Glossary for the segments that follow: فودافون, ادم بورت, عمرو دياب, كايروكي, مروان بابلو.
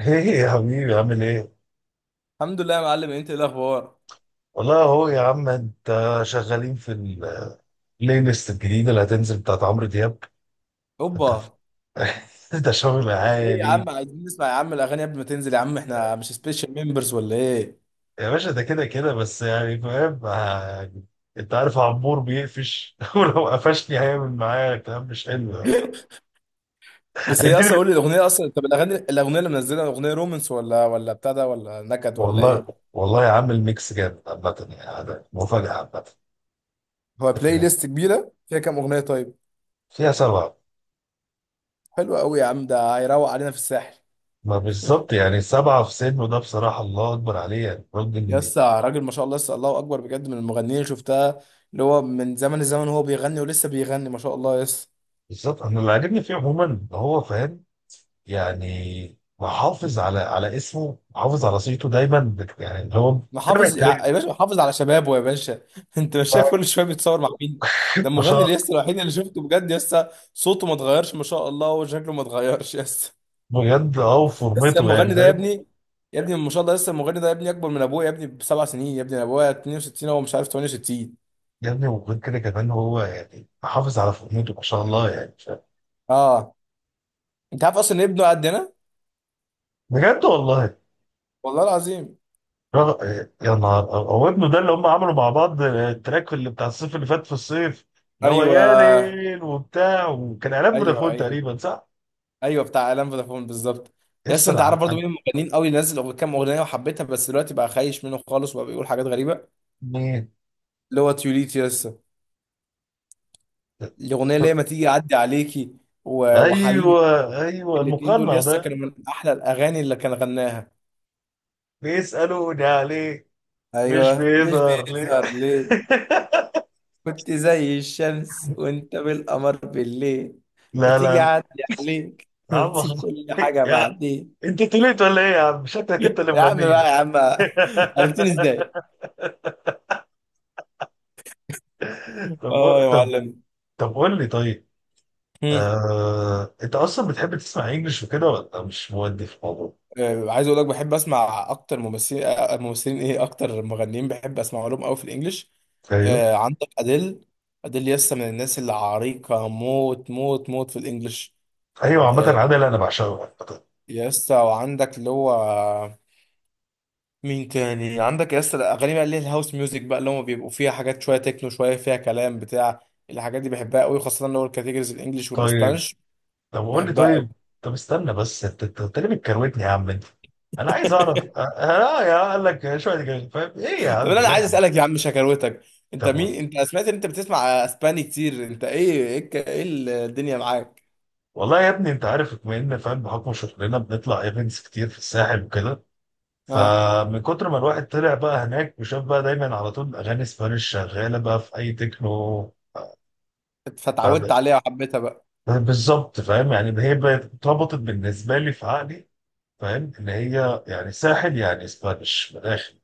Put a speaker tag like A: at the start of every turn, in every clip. A: ايه يا حبيبي، عامل ايه؟
B: الحمد لله يا معلم، انت ايه الاخبار؟
A: والله اهو يا عم انت، شغالين في البلاي ليست الجديدة اللي هتنزل بتاعت عمرو دياب. انت
B: اوبا.
A: ده شغل
B: طب ايه يا
A: عالي.
B: عم، عايزين نسمع يا عم الاغاني قبل ما تنزل يا عم، احنا مش سبيشال ممبرز ولا ايه؟
A: يا باشا ده كده كده، بس يعني فاهم، انت عارف عمور بيقفش ولو قفشني هيعمل معايا كلام مش حلو يعني.
B: بس هي اصلا
A: هيديني
B: قول لي الاغنيه اصلا، طب الاغاني، الاغنيه اللي منزلها اغنيه رومانس ولا بتاع ده ولا نكد ولا
A: والله.
B: ايه؟
A: والله يا عم الميكس جامد عامة، يعني ده مفاجأة عامة.
B: هو
A: انت
B: بلاي
A: فاهم،
B: ليست كبيره، فيها كام اغنيه طيب؟
A: فيها سبعة.
B: حلوه قوي يا عم، ده هيروق علينا في الساحل.
A: ما بالظبط، يعني سبعة في سنه، ده بصراحة الله أكبر عليه يعني
B: يا
A: الراجل.
B: اسطى راجل ما شاء الله، لسه الله اكبر بجد من المغنيين اللي شفتها، اللي هو من زمن الزمن، هو بيغني ولسه بيغني ما شاء الله يس.
A: بالظبط، انا اللي عاجبني فيه عموما ان هو فاهم يعني، محافظ على اسمه، محافظ على صيته دايما، يعني اللي هو متابع
B: محافظ يا
A: الترند.
B: باشا، محافظ على شبابه يا باشا. انت مش شايف كل شويه بيتصور مع مين؟ ده
A: ما شاء
B: المغني
A: الله.
B: لسه الوحيد اللي شفته بجد، لسه صوته ما اتغيرش ما شاء الله، وشكله ما اتغيرش لسه.
A: بجد اه،
B: لسه
A: وفورمته يعني
B: المغني ده يا
A: فاهم.
B: ابني، يا ابني ما شاء الله، لسه المغني ده يا ابني اكبر من ابويا يا ابني بسبع سنين، يا ابني أنا ابويا 62 هو مش عارف 68.
A: يا ابني، وغير كده كمان هو يعني محافظ على فورمته، ما شاء الله يعني فاهم.
B: اه، انت عارف اصلا ان ابنه قدنا؟
A: بجد والله.
B: والله العظيم.
A: رغ- يا نهار هو ابنه ده اللي هم عملوا مع بعض التراك اللي بتاع الصيف اللي فات، في الصيف اللي هو
B: ايوه،
A: يا ليل وبتاع، وكان اعلان
B: ايوه
A: فودافون
B: ايوه.
A: تقريبا، صح؟
B: ايوه بتاع اعلان فودافون بالظبط. يس،
A: يسطا
B: انت عارف برضو مين المغنيين قوي اللي نزل كام اغنيه وحبيتها، بس دلوقتي بقى خايش منه خالص وبقى بيقول حاجات غريبه.
A: مين.
B: اللي هو تيوليت يسا، الاغنيه اللي هي ما تيجي اعدي عليكي،
A: ايوه
B: وحبيبي.
A: ايوه،
B: الاتنين دول
A: المقنع
B: يسا
A: ده.
B: كانوا من احلى الاغاني اللي كان غناها.
A: بيسألوني عليه، مش
B: ايوه، مش
A: بيظهر ليه.
B: بيظهر ليه. كنت زي الشمس وانت بالقمر بالليل، ما
A: لا لا
B: تيجي
A: لا
B: اعدي عليك
A: يا عم
B: ونسيب
A: خلاص.
B: كل حاجه
A: يا،
B: بعدين.
A: انت طلعت ولا ايه يا عم؟ شكلك انت اللي
B: يا عم بقى يا
A: مغنيه.
B: عم، عرفتني ازاي؟
A: طب
B: اه يا
A: طب،
B: معلم.
A: طب قول لي طيب. انت اصلا بتحب تسمع انجلش وكده، ولا مش مودي في الموضوع؟
B: عايز اقول لك بحب اسمع اكتر ممثلين، ممثلين ايه، اكتر مغنيين بحب اسمع لهم قوي في الانجليش.
A: ايوه
B: عندك اديل، اديل يسا من الناس اللي عريقه موت موت موت في الانجليش.
A: ايوه، عامة
B: آه،
A: عادل انا بعشقه عامة.
B: يسا وعندك اللي هو، مين تاني عندك يسا. الاغاني بقى اللي هي الهاوس ميوزك بقى، اللي هم بيبقوا فيها حاجات شويه تكنو شويه فيها كلام بتاع، الحاجات دي بحبها قوي، خاصه اللي هو الكاتيجوريز الانجليش
A: طيب
B: والاسبانش.
A: طب قول لي
B: بحبها قوي.
A: طيب. طب استنى بس، انت انت أنت ليه بتكروتني يا عم انت؟ انا عايز اعرف، لا يا قال لك شويه جاي فاهم ايه يا
B: طب
A: عم،
B: انا
A: لا يا
B: عايز
A: عم.
B: اسالك يا عم شكاوتك، انت
A: طب
B: مين؟
A: ولا.
B: انت سمعت ان انت بتسمع اسباني كتير؟ انت ايه، ايه إيه الدنيا معاك؟
A: والله يا ابني، انت عارف بما ان فاهم، بحكم شغلنا بنطلع ايفنتس كتير في الساحل وكده،
B: ها،
A: فمن كتر ما الواحد طلع بقى هناك وشاف بقى دايما على طول اغاني سبانيش شغاله بقى في اي تكنو.
B: فتعودت
A: فب-
B: عليها وحبيتها بقى.
A: بالظبط فاهم، يعني ده هي بقت اتربطت بالنسبه لي في عقلي، فاهم ان هي يعني ساحل يعني سبانيش من الاخر.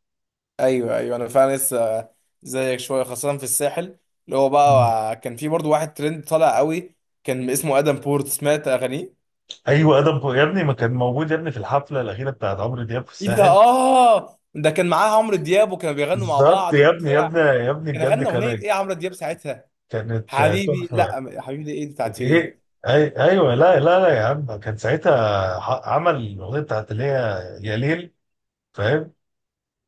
B: ايوه ايوه، انا فعلا لسه زيك شويه خاصه في الساحل. اللي هو بقى كان في برضو واحد ترند طالع قوي، كان اسمه ادم بورت. سمعت اغانيه؟
A: ايوه ادم يا ابني ما كان موجود يا ابني في الحفله الاخيره بتاعت عمرو دياب في
B: ايه ده،
A: الساحل.
B: اه، ده كان معاه عمرو دياب وكانوا بيغنوا مع
A: بالظبط
B: بعض
A: يا ابني يا
B: وبتاع.
A: ابني يا ابني،
B: كان
A: بجد
B: غنى اغنيه
A: كان.
B: ايه عمرو دياب ساعتها؟
A: كانت
B: حبيبي
A: تحفه.
B: لا حبيبي دي ايه بتاعت شيرين.
A: ايه ايوه، لا لا لا يا عم كان ساعتها، عمل الاغنيه بتاعت اللي هي يا ليل، فاهم،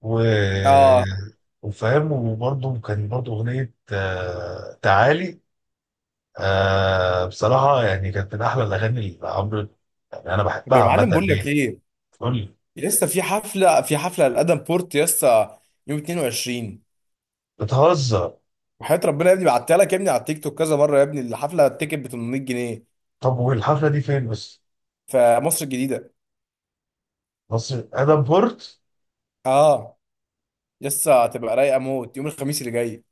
A: و
B: اه.
A: وفاهم، وبرضه كان برضه اغنيه، تعالي. بصراحه يعني كانت من احلى الاغاني اللي عمرو، يعني انا
B: طب
A: بحبها
B: يا
A: عامه،
B: معلم بقول لك
A: ليه؟
B: ايه،
A: قول لي.
B: لسه في حفله لادم بورت لسه يوم 22.
A: بتهزر؟
B: وحياة ربنا يا ابني بعتها لك يا ابني على التيك توك كذا مره يا ابني، الحفله التيكت ب 800 جنيه.
A: طب والحفله دي فين بس؟
B: في مصر الجديده.
A: بص، ادم بورت.
B: اه. لسه هتبقى رايقه موت يوم الخميس اللي جاي.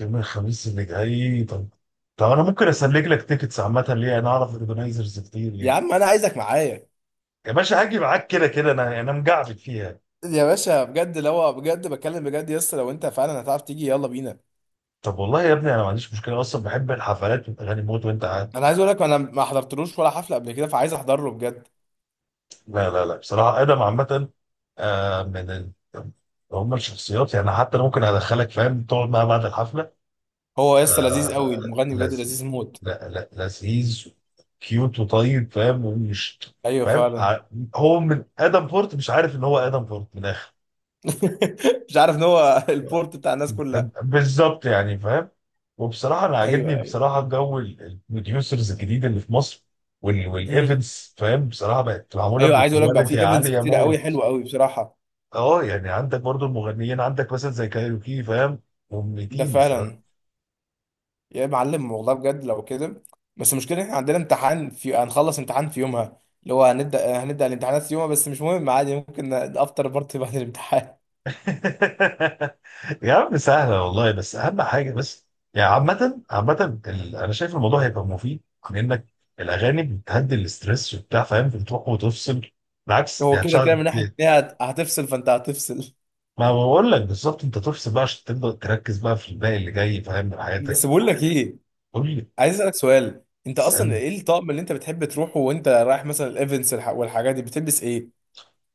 A: يوم الخميس اللي جاي، طب. طب انا ممكن اسلك لك تيكتس، عامه ليه، انا اعرف اورجنايزرز كتير
B: يا
A: يعني.
B: عم انا عايزك معايا.
A: يا باشا هاجي معاك كده كده، انا مجعبد فيها.
B: يا باشا بجد، لو بجد بتكلم بجد لسه، لو انت فعلا هتعرف تيجي يلا بينا.
A: طب والله يا ابني، انا ما عنديش مشكله اصلا، بحب الحفلات والاغاني موت. وانت قاعد؟
B: انا عايز اقول لك انا ما حضرتلوش ولا حفله قبل كده، فعايز احضره بجد.
A: لا لا لا، بصراحه ادم عامه. آه من ال... هم الشخصيات يعني، حتى انا ممكن ادخلك فاهم تقعد معاه بعد الحفله.
B: هو لسه لذيذ قوي
A: آه،
B: المغني، بجد
A: لذيذ.
B: لذيذ موت.
A: لا لا لذيذ، كيوت وطيب فاهم. ومش
B: ايوه
A: فاهم
B: فعلا.
A: هو من ادم بورت، مش عارف ان هو ادم بورت من الاخر،
B: مش عارف ان هو البورت بتاع الناس
A: فاهم؟
B: كلها.
A: بالظبط يعني فاهم. وبصراحه انا عاجبني
B: ايوه، ايوه.
A: بصراحه جو البروديوسرز الجديد اللي في مصر.
B: مم.
A: والايفنتس فاهم، بصراحه بقت معموله
B: ايوه، عايز اقول لك بقى في
A: بكواليتي
B: ايفنتس
A: عاليه
B: كتير قوي
A: موت.
B: حلوه قوي بصراحه.
A: اه يعني عندك برضو المغنيين، عندك مثلا زي كايروكي فاهم،
B: ده
A: مميتين بصراحه.
B: فعلا. يا معلم والله بجد لو كده، بس المشكله احنا عندنا امتحان في، هنخلص امتحان في يومها، اللي هو هنبدا الامتحانات في يومها، بس مش مهم عادي، ممكن افطر بارتي بعد الامتحان.
A: يا عم سهلة والله، بس أهم حاجة بس، يعني عامة عامة أنا شايف الموضوع هيبقى مفيد لأنك، الأغاني بتهدي الاسترس وبتاع فاهم، بتروح وتفصل بالعكس،
B: هو
A: يعني
B: كده كده
A: هتشغل.
B: من ناحيه إن هي هتفصل، فانت هتفصل.
A: ما بقول لك بالظبط، أنت تفصل بقى عشان تبدأ تركز بقى في الباقي اللي جاي فاهم من حياتك.
B: بس بقول لك ايه،
A: قول لي.
B: عايز اسالك سؤال، انت اصلا
A: اسألني.
B: ايه الطقم اللي انت بتحب تروحه وانت رايح مثلا الايفنتس والحاجات دي، بتلبس ايه؟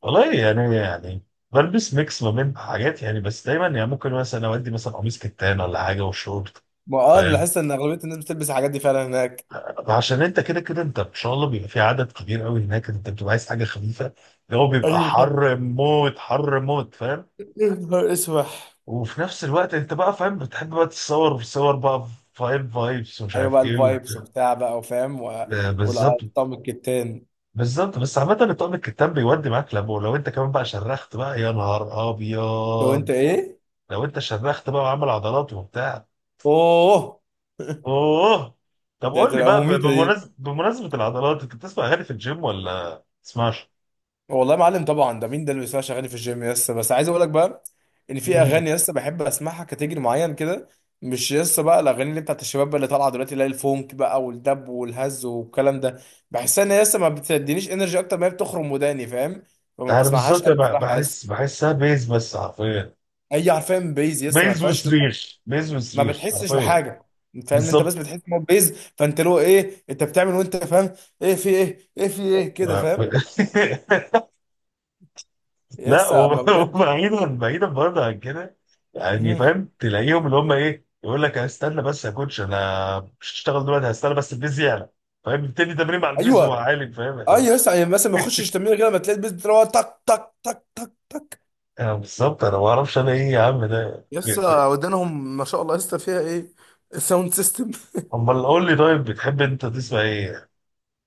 A: والله يعني بلبس ميكس ما بين حاجات يعني، بس دايما يعني ممكن مثلا أودي مثلا قميص كتان ولا حاجة وشورت.
B: ما اه، انا
A: فاهم،
B: لاحظت ان اغلبيه الناس بتلبس الحاجات دي فعلا هناك.
A: عشان انت كده كده، انت ان شاء الله بيبقى في عدد كبير قوي هناك، انت بتبقى عايز حاجه خفيفه، اللي هو بيبقى
B: ايوه.
A: حر موت حر موت فاهم.
B: يا نهار اسود.
A: وفي نفس الوقت انت بقى فاهم بتحب بقى تتصور في صور بقى فايب، فايبس، ومش
B: ايوه بقى
A: عارف ايه
B: الفايبس
A: وبتاع.
B: وبتاع بقى وفاهم
A: آه، بالظبط.
B: والارقام الكتان.
A: بالظبط، بس عامة الطقم الكتاب بيودي معاك، لما ولو انت كمان بقى شرخت بقى، يا نهار ابيض
B: لو انت ايه؟
A: لو انت شرخت بقى وعامل عضلات وبتاع.
B: اوه.
A: اوه. طب
B: ده
A: قول لي
B: هتبقى
A: بقى،
B: مميته دي.
A: بمناسبة العضلات، انت بتسمع اغاني في الجيم ولا تسمعش؟
B: والله يا معلم طبعا، ده مين ده اللي بيسمع اغاني في الجيم يس، بس عايز اقول لك بقى ان في اغاني يس بحب اسمعها كاتيجري معين كده، مش يس بقى الاغاني اللي بتاعت الشباب بقى اللي طالعه دلوقتي اللي هي الفونك بقى والدب والهز والكلام ده، بحسها ان هي يس ما بتدينيش انرجي، اكتر ما هي بتخرم وداني فاهم، فما
A: انا
B: بسمعهاش
A: بالظبط
B: قوي بصراحه يس.
A: بحسها بيز بس حرفيا.
B: اي عارفين، بيز يس ما
A: بيز
B: فيهاش.
A: وصريخ، بيز
B: ما
A: وصريخ
B: بتحسش
A: حرفيا.
B: بحاجه، انت فاهم، انت بس
A: بالظبط.
B: بتحس ان هو بيز، فانت له ايه انت بتعمل وانت فاهم، ايه في ايه، ايه في ايه كده
A: آه، ب-
B: فاهم؟
A: لا
B: يسا اما بجد.
A: وبعيدا بعيدا برضه عن كده. يعني
B: مهم.
A: فاهم تلاقيهم اللي هم ايه، يقول لك هستنى بس يا كوتش انا مش هشتغل دلوقتي، هستنى بس البيز يعلى. فاهم، بيبتدي تمرين مع البيز وهو
B: ايوه
A: عالي فاهم اللي
B: ايوه
A: هو.
B: يسا، يعني مثلا ما يخشش تمرين كده ما تلاقي البيز بتروح تك تك تك تك تك.
A: انا بالظبط انا ما اعرفش انا ايه يا عم ده.
B: يسا ودانهم ما شاء الله يسا، فيها ايه الساوند سيستم.
A: امال قول لي طيب، بتحب انت تسمع ايه؟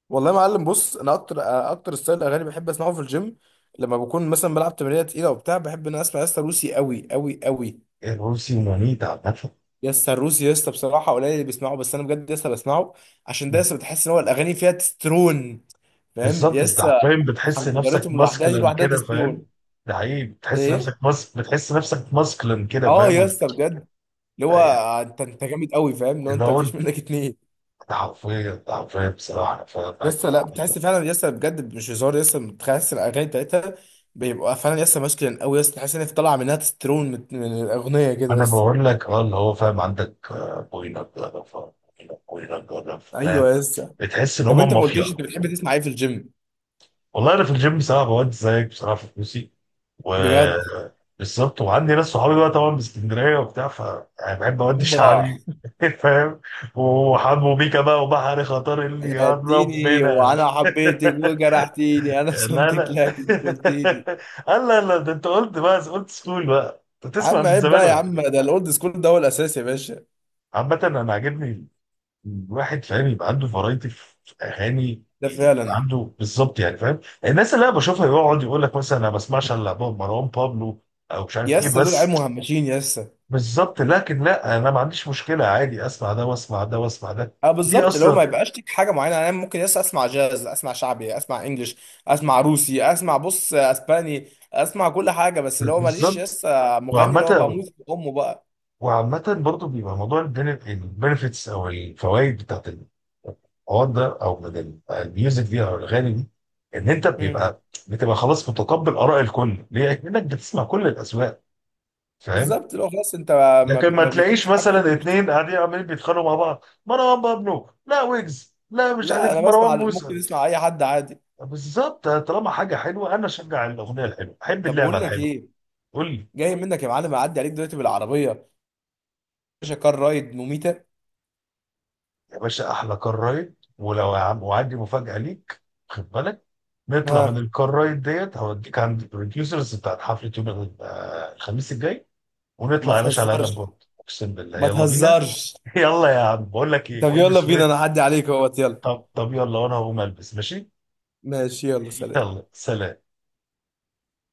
B: والله يا معلم بص، انا اكتر اكتر ستايل اغاني بحب اسمعه في الجيم لما بكون مثلا بلعب تمرينه تقيله وبتاع، بحب ان أنا اسمع يسا روسي قوي قوي قوي.
A: الروسي ومانيتا عامة.
B: يا اسطى الروسي يا اسطى بصراحه قليل اللي بيسمعه، بس انا بجد يا اسطى بسمعه، عشان ده يا اسطى بتحس ان هو الاغاني فيها تسترون، فاهم
A: بالظبط،
B: يا
A: انت
B: اسطى؟
A: حرفيا بتحس نفسك
B: حنجرتهم لوحدها دي
A: ماسكلن
B: لوحدها
A: كده، فاهم.
B: تسترون.
A: ده حقيقي،
B: ايه.
A: بتحس نفسك ماسكلن كده
B: اه يا
A: فاهم.
B: اسطى بجد، اللي هو
A: يعني
B: انت، انت جامد قوي فاهم، اللي هو
A: اللي
B: انت
A: هو
B: مفيش
A: انت،
B: منك اتنين.
A: أنت حرفيا انت حرفيا بصراحه انا فاهم
B: يا
A: معاك
B: اسطى لا، بتحس فعلا يا اسطى، بجد مش هزار يا اسطى، بتحس الاغاني بتاعتها بيبقى فعلا يا اسطى ماسكلين قوي يا اسطى، تحس ان هي طالعه منها تسترون من الاغنيه كده يا
A: انا
B: اسطى.
A: بقول لك اه، اللي هو فاهم، عندك بوينك جرب، بوينك جرب
B: ايوه
A: فاهم،
B: يا اسطى.
A: بتحس ان
B: طب انت
A: هم
B: ما
A: مافيا.
B: قلتليش انت بتحب تسمع ايه في الجيم؟
A: والله انا في الجيم بصراحه بودي زيك بصراحه، في فلوسي، و
B: بجد.
A: بالظبط. وعندي ناس صحابي بقى طبعا من اسكندريه وبتاع، يعني بحب اودي
B: اوبا.
A: شعبي فاهم، وحمو بيكا بقى وبحر خطر، اللي
B: يا
A: يقرب
B: اديني
A: منها
B: وانا
A: مش،
B: حبيتك وجرحتيني انا
A: لا
B: سنتك
A: لا.
B: لكن كنتيني.
A: قال لا لا، ده انت قلت بقى، قلت سكول بقى، انت
B: يا
A: تسمع
B: عم
A: من
B: عيب
A: زمان
B: بقى يا
A: ولا
B: عم،
A: إيه؟
B: ده الاولد سكول ده هو الاساس يا باشا.
A: عامة انا عاجبني الواحد فاهم يبقى عنده فرايتي في اغاني،
B: ده
A: يبقى
B: فعلا.
A: عنده بالظبط، يعني فاهم الناس اللي انا بشوفها يقعد يقول لك مثلا، انا ما بسمعش الا مروان بابلو، او مش عارف ايه
B: يسا دول عيال
A: بس.
B: مهمشين يسا.
A: بالظبط، لكن لا انا ما عنديش مشكله، عادي اسمع ده واسمع ده واسمع ده.
B: اه
A: دي
B: بالظبط، اللي هو ما
A: اصلا
B: يبقاش ليك حاجه معينه، انا ممكن يسا اسمع جاز، اسمع شعبي، اسمع انجلش، اسمع روسي، اسمع بص اسباني، اسمع كل حاجه، بس اللي هو ماليش
A: بالظبط.
B: يسا مغني اللي هو
A: وعامه
B: بموت في امه بقى.
A: برضو بيبقى موضوع البنفيتس او الفوائد بتاعت الحوار ده، او من الميوزك دي او الاغاني دي، ان انت
B: مم.
A: بتبقى خلاص متقبل اراء الكل. ليه؟ لانك بتسمع كل الاذواق، فاهم؟
B: بالظبط اللي هو خلاص انت ما,
A: لكن ما
B: ما
A: تلاقيش
B: بيفرقش معاك
A: مثلا
B: انجلش.
A: اتنين قاعدين عمالين بيتخانقوا مع بعض، مروان بابلو لا، ويجز لا، مش
B: لا
A: عارف
B: انا
A: مروان
B: بسمع،
A: موسى.
B: ممكن اسمع اي حد عادي.
A: بالظبط طالما حاجه حلوه، انا اشجع الاغنيه الحلوه، احب
B: طب
A: اللعبه
B: بقول لك
A: الحلوه.
B: ايه،
A: قول لي.
B: جاي منك يا معلم اعدي عليك دلوقتي بالعربيه. باشا كار رايد مميته.
A: يا باشا احلى كار رايد، ولو يا عم وعندي مفاجاه ليك. خد بالك، نطلع من
B: ها.
A: الكار رايد ديت هوديك عند البروديوسرز بتاعت حفله يوم الخميس الجاي،
B: ما
A: ونطلع يا باشا على ادم
B: تهزرش.
A: بورد، اقسم بالله
B: ما
A: يلا بينا.
B: تهزرش.
A: يلا يا عم بقول لك ايه،
B: طب يلا
A: البس
B: بينا انا
A: ويت.
B: اعدي عليك اهوت يلا.
A: طب طب يلا، وانا هقوم البس ماشي.
B: ماشي يلا سلام.
A: يلا سلام.